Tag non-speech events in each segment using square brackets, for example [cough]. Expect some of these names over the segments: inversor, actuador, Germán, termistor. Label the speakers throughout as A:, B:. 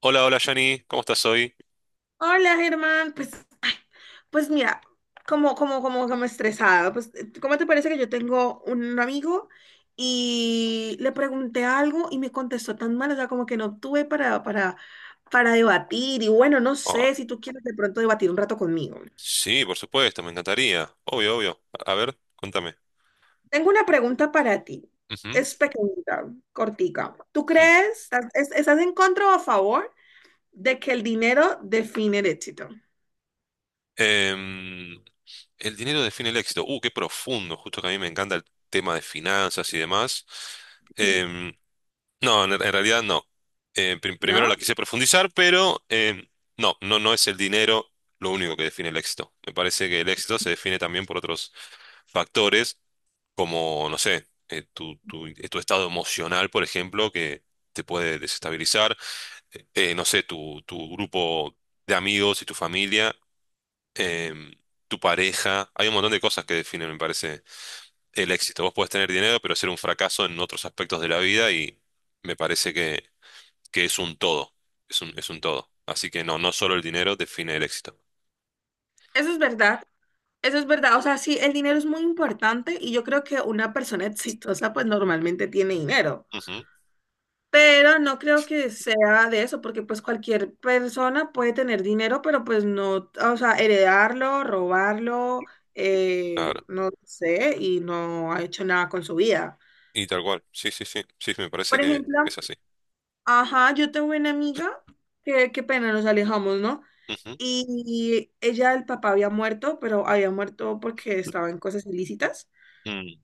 A: Hola, hola Johnny, ¿cómo estás hoy?
B: Hola, Germán. Ay, pues mira, como estresada. Pues, ¿cómo te parece que yo tengo un amigo y le pregunté algo y me contestó tan mal? O sea, como que no tuve para debatir. Y bueno, no
A: Oh,
B: sé si tú quieres de pronto debatir un rato conmigo.
A: sí, por supuesto, me encantaría. Obvio, obvio. A ver, contame.
B: Tengo una pregunta para ti.
A: Ujú.
B: Es pequeñita, cortica. ¿Tú
A: Mm.
B: crees, estás en contra o a favor de que el dinero define el éxito?
A: Em, el dinero define el éxito. Qué profundo, justo que a mí me encanta el tema de finanzas y demás. Em, no, en realidad no. Primero la
B: ¿No?
A: quise profundizar, pero no, no, no es el dinero lo único que define el éxito. Me parece que el éxito se define también por otros factores como, no sé, tu estado emocional, por ejemplo, que te puede desestabilizar, no sé, tu grupo de amigos y tu familia, em, tu pareja, hay un montón de cosas que definen, me parece, el éxito. Vos podés tener dinero, pero ser un fracaso en otros aspectos de la vida y me parece que, es un todo, es un todo. Así que no, no solo el dinero define el éxito.
B: Eso es verdad. Eso es verdad, o sea, sí, el dinero es muy importante y yo creo que una persona [laughs] exitosa pues normalmente tiene dinero,
A: Ujú.
B: pero no creo que sea de eso, porque pues cualquier persona puede tener dinero, pero pues no, o sea, heredarlo, robarlo,
A: Claro.
B: no sé, y no ha hecho nada con su vida.
A: Y tal cual, sí, sí, sí, sí, me parece
B: Por
A: que
B: ejemplo,
A: es así.
B: ajá, yo tengo una amiga, que qué pena, nos alejamos, ¿no?
A: Ujú.
B: Y ella, el papá había muerto, pero había muerto porque estaba en cosas ilícitas.
A: Mm.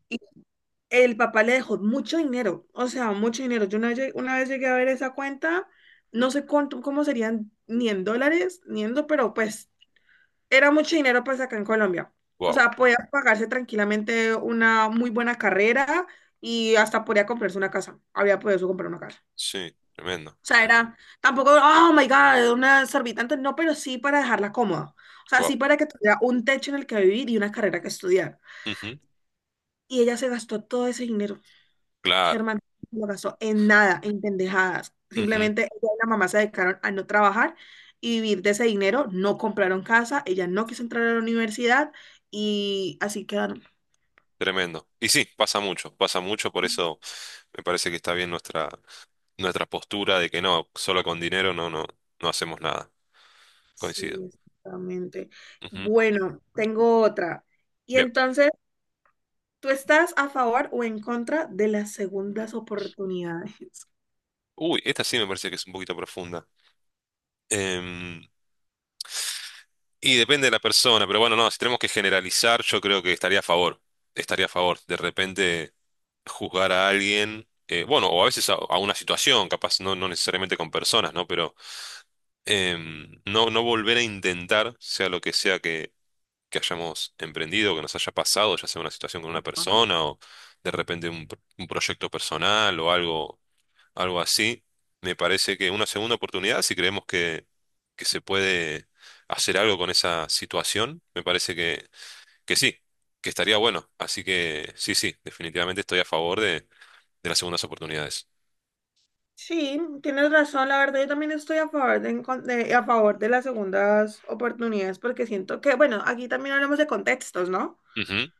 B: El papá le dejó mucho dinero, o sea, mucho dinero. Una vez llegué a ver esa cuenta, no sé cuánto, cómo serían, ni en dólares, ni en, do- pero pues era mucho dinero pues acá en Colombia. O
A: Guau.
B: sea, podía pagarse tranquilamente una muy buena carrera y hasta podía comprarse una casa. Había podido comprar una casa.
A: Sí, tremendo.
B: O sea, era tampoco, oh my God, una exorbitante, no, pero sí para dejarla cómoda. O sea,
A: Wow.
B: sí para que tuviera un techo en el que vivir y una carrera que estudiar.
A: Ujú.
B: Y ella se gastó todo ese dinero.
A: Claro.
B: Germán no gastó en nada, en pendejadas.
A: Ujú.
B: Simplemente ella y la mamá se dedicaron a no trabajar y vivir de ese dinero, no compraron casa, ella no quiso entrar a la universidad y así quedaron.
A: Tremendo. Y sí, pasa mucho, por eso me parece que está bien nuestra, postura de que no, solo con dinero no, no, no hacemos nada.
B: Sí,
A: Coincido.
B: exactamente.
A: Ujú.
B: Bueno, tengo otra. Y
A: Bien.
B: entonces, ¿tú estás a favor o en contra de las segundas oportunidades?
A: Uy, esta sí me parece que es un poquito profunda. Em, y depende de la persona, pero bueno, no, si tenemos que generalizar, yo creo que estaría a favor. Estaría a favor. De repente juzgar a alguien, bueno, o a veces a una situación, capaz, no, no necesariamente con personas, ¿no? Pero no, no volver a intentar, sea lo que sea que, hayamos emprendido, que nos haya pasado, ya sea una situación con una
B: [laughs]
A: persona o de repente un proyecto personal o algo, algo así, me parece que una segunda oportunidad, si creemos que, se puede hacer algo con esa situación, me parece que, sí, que estaría bueno. Así que sí, sí, definitivamente estoy a favor de las segundas oportunidades.
B: Sí, tienes razón, la verdad yo también estoy a favor a favor de las segundas oportunidades porque siento que, bueno, aquí también hablamos de contextos, ¿no?
A: Ujú,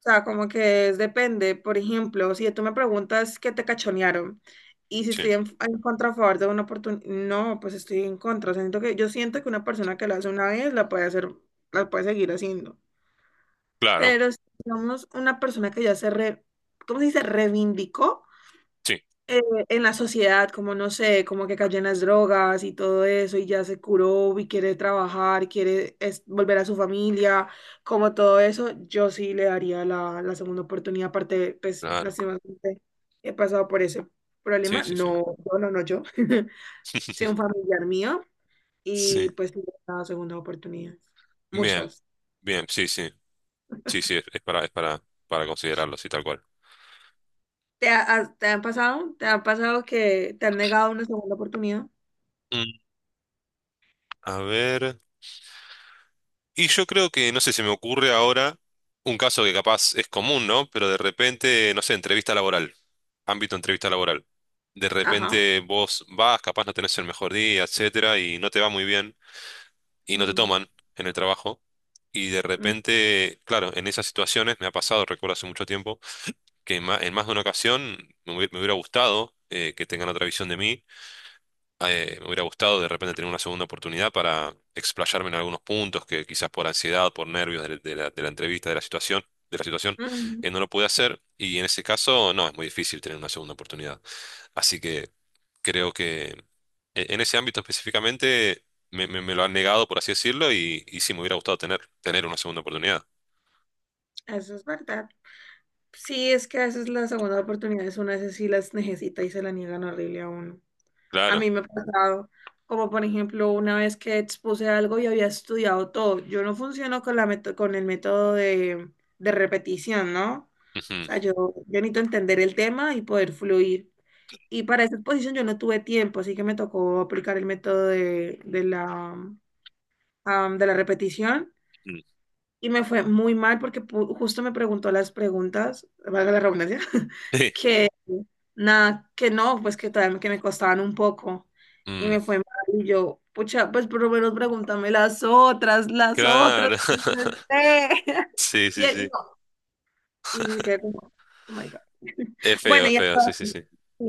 B: O sea, como que depende, por ejemplo, si tú me preguntas qué te cachonearon y si estoy
A: sí,
B: en contra a favor de una oportunidad, no, pues estoy en contra, o sea, siento que yo siento que una persona que lo hace una vez la puede hacer, la puede seguir haciendo,
A: claro,
B: pero si somos una persona que ¿cómo se dice? Reivindicó,
A: sí,
B: eh, en la sociedad, como no sé, como que cayó en las drogas y todo eso, y ya se curó y quiere trabajar, volver a su familia, como todo eso, yo sí le daría la segunda oportunidad. Aparte, pues,
A: claro,
B: lastimosamente, he pasado por ese
A: sí,
B: problema.
A: sí, sí.
B: No, yo, no, no yo, [laughs] soy un familiar mío y
A: Sí.
B: pues sí le he dado segundas oportunidades.
A: Bien.
B: Muchas.
A: Bien, sí, sí. Sí, sí, es para, para considerarlo, sí, tal cual.
B: ¿Te han pasado? ¿Te han pasado que te han negado una segunda oportunidad?
A: Mm. A ver. Y yo creo que, no sé, se me ocurre ahora un caso que capaz es común, ¿no? Pero de repente, no sé, entrevista laboral, ámbito entrevista laboral. De
B: Ajá.
A: repente vos vas, capaz no tenés el mejor día, etcétera, y no te va muy bien, y no te
B: Mm,
A: toman en el trabajo. Y de
B: mm,
A: repente, claro, en esas situaciones me ha pasado, recuerdo hace mucho tiempo, que en más, de una ocasión me hubiera gustado, que tengan otra visión de mí. Me hubiera gustado de repente tener una segunda oportunidad para explayarme en algunos puntos que quizás por ansiedad, por nervios de la entrevista, de la situación, de la situación,
B: mm,
A: no lo pude hacer. Y en ese caso, no, es muy difícil tener una segunda oportunidad. Así que creo que en ese ámbito específicamente me lo han negado, por así decirlo, y, sí, me hubiera gustado tener, una segunda oportunidad.
B: Eso es verdad. Sí, es que a veces las segundas oportunidades uno a veces sí las necesita y se la niegan horrible a uno. A
A: Claro.
B: mí me ha pasado, como por ejemplo, una vez que expuse algo y había estudiado todo. Yo no funciono con la con el método de repetición, ¿no? O sea,
A: Ujú.
B: yo necesito entender el tema y poder fluir. Y para esa exposición yo no tuve tiempo, así que me tocó aplicar el método de la repetición.
A: Mm.
B: Y me fue muy mal porque justo me preguntó las preguntas, valga la redundancia, [laughs]
A: [laughs] Sí.
B: que nada, que no, pues que tal, que me costaban un poco. Y
A: Mm.
B: me fue mal. Y yo, pucha, pues por lo menos pregúntame las otras, las otras.
A: Claro. [laughs]
B: [laughs]
A: Sí,
B: Y
A: sí,
B: él,
A: sí.
B: no. Y se quedó como, oh my God. [laughs] Bueno,
A: Es
B: y
A: feo,
B: hasta-
A: sí, sí, sí.
B: sí.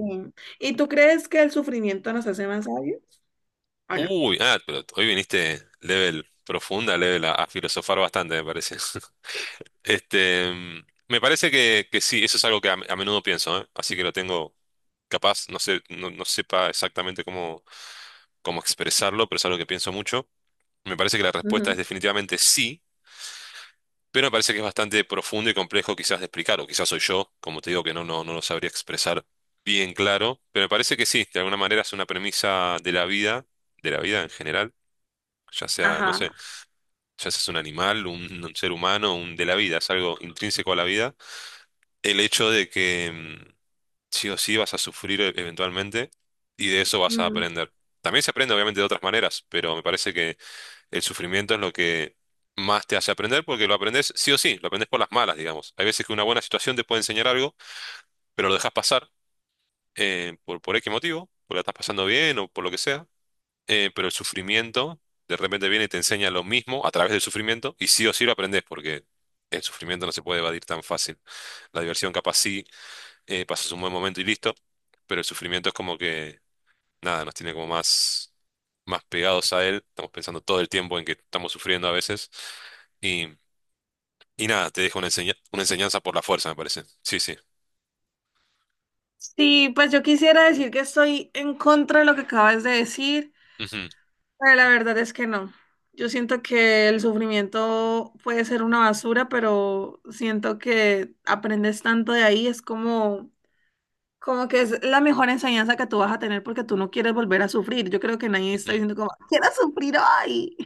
B: ¿Y tú crees que el sufrimiento nos hace más sabios? ¿O no?
A: Uy, ah, pero hoy viniste level profunda, level a filosofar bastante, me parece. [laughs] Me parece que, sí, eso es algo que a menudo pienso, ¿eh? Así que lo tengo capaz, no sé, no sepa exactamente cómo, expresarlo, pero es algo que pienso mucho. Me parece que la respuesta es
B: Ujú.
A: definitivamente sí, pero me parece que es bastante profundo y complejo quizás de explicar, o quizás soy yo, como te digo, que no, no, no lo sabría expresar bien claro, pero me parece que sí, de alguna manera es una premisa de la vida en general, ya sea, no
B: Ajá.
A: sé, ya seas un animal, un ser humano, un de la vida, es algo intrínseco a la vida, el hecho de que sí o sí vas a sufrir eventualmente y de eso vas a
B: Mm.
A: aprender. También se aprende obviamente de otras maneras, pero me parece que el sufrimiento es lo que más te hace aprender porque lo aprendes sí o sí, lo aprendes por las malas, digamos. Hay veces que una buena situación te puede enseñar algo, pero lo dejas pasar, por X motivo, porque la estás pasando bien o por lo que sea. Pero el sufrimiento de repente viene y te enseña lo mismo a través del sufrimiento y sí o sí lo aprendes porque el sufrimiento no se puede evadir tan fácil. La diversión capaz sí, pasas un buen momento y listo, pero el sufrimiento es como que, nada, nos tiene como más, pegados a él, estamos pensando todo el tiempo en que estamos sufriendo a veces y, nada, te deja una enseñanza por la fuerza, me parece. Sí, sí.
B: Sí, pues yo quisiera decir que estoy en contra de lo que acabas de decir,
A: Ujú,
B: pero la verdad es que no. Yo siento que el sufrimiento puede ser una basura, pero siento que aprendes tanto de ahí, es como como que es la mejor enseñanza que tú vas a tener porque tú no quieres volver a sufrir. Yo creo que nadie
A: ujú.
B: está diciendo
A: [laughs]
B: como, quiero sufrir hoy.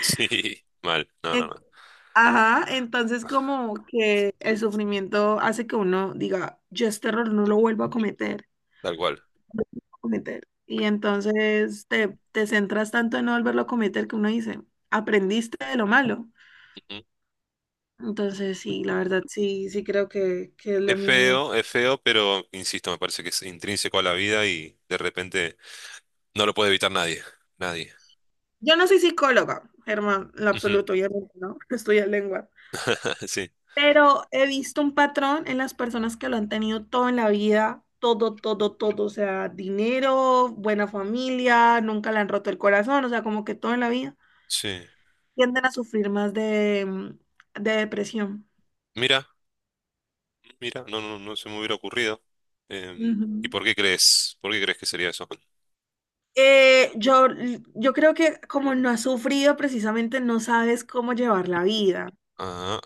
A: Sí, mal,
B: [laughs]
A: no, no,
B: En-
A: no,
B: Ajá, entonces como que el sufrimiento hace que uno diga, yo este error no lo vuelvo a cometer,
A: tal cual.
B: a cometer. Y entonces te centras tanto en no volverlo a cometer que uno dice, aprendiste de lo malo. Entonces sí, la verdad sí, sí creo que es lo mismo.
A: Es feo, pero insisto, me parece que es intrínseco a la vida y de repente no lo puede evitar nadie. Nadie.
B: Yo no soy psicóloga, Germán, en lo
A: Ujú.
B: absoluto, obviamente, ¿no? [laughs] Estudié lengua.
A: [laughs] Sí,
B: Pero he visto un patrón en las personas que lo han tenido todo en la vida, todo, todo, todo, o sea, dinero, buena familia, nunca le han roto el corazón, o sea, como que todo en la vida,
A: sí.
B: tienden a sufrir más de depresión.
A: Mira, mira, no, no, no se me hubiera ocurrido.
B: Ujú.
A: ¿Y por qué crees? ¿Por qué crees que sería eso?
B: Eh, yo, yo creo que como no has sufrido, precisamente no sabes cómo llevar la vida.
A: Ah,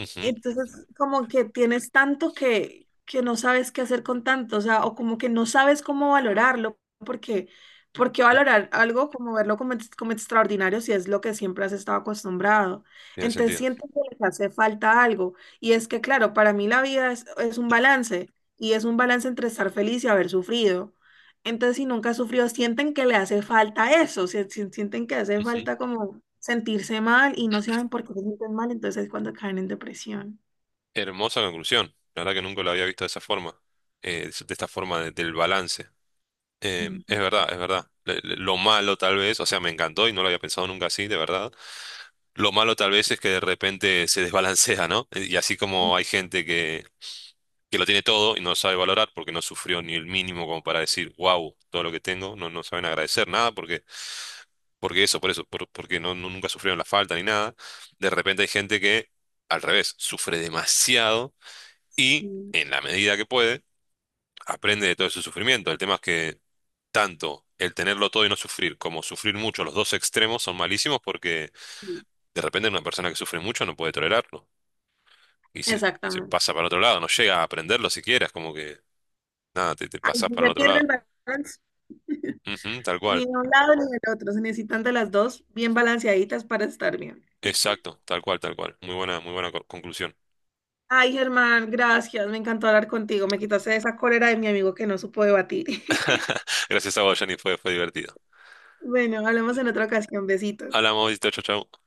A: ujú,
B: Entonces, como que tienes tanto que no sabes qué hacer con tanto, o sea, o como que no sabes cómo valorarlo, porque
A: ujú.
B: valorar algo como verlo como, como extraordinario si es lo que siempre has estado acostumbrado.
A: Tiene
B: Entonces,
A: sentido.
B: siento que les hace falta algo. Y es que, claro, para mí la vida es un balance, y es un balance entre estar feliz y haber sufrido. Entonces, si nunca sufrió, sienten que le hace falta eso, sienten que hace
A: Ujú.
B: falta como sentirse mal y no saben por qué se sienten mal, entonces es cuando caen en depresión.
A: Hermosa conclusión. La verdad que nunca lo había visto de esa forma. De esta forma del balance. Es
B: Ujú,
A: verdad, es verdad. Lo malo tal vez, o sea, me encantó y no lo había pensado nunca así, de verdad. Lo malo tal vez es que de repente se desbalancea, ¿no? Y así como hay gente que, lo tiene todo y no sabe valorar porque no sufrió ni el mínimo como para decir, wow, todo lo que tengo, no, no saben agradecer nada porque, eso, por eso, por- porque no, no- nunca sufrieron la falta ni nada. De repente hay gente que, al revés, sufre demasiado y,
B: ujú,
A: en la medida que puede, aprende de todo ese sufrimiento. El tema es que tanto el tenerlo todo y no sufrir como sufrir mucho, los dos extremos son malísimos porque
B: sí.
A: de repente una persona que sufre mucho no puede tolerarlo. Y se
B: Exactamente.
A: pasa para el otro lado, no llega a aprenderlo siquiera, es como que nada, te
B: Ahí
A: pasas
B: sí
A: para el
B: se
A: otro
B: pierde
A: lado.
B: el balance, [laughs]
A: Ujú, tal
B: ni
A: cual,
B: de un lado ni del otro, se necesitan de las dos bien balanceaditas para estar bien.
A: exacto, tal cual, tal cual. Muy buena conclusión.
B: Ay, Germán, gracias, me encantó hablar contigo, me quitaste esa cólera de mi amigo que no supo debatir. [laughs]
A: Gracias a vos, Jenny, fue, divertido.
B: Bueno, hablamos en otra ocasión, besitos.
A: Hablamos, chau, chau, chau.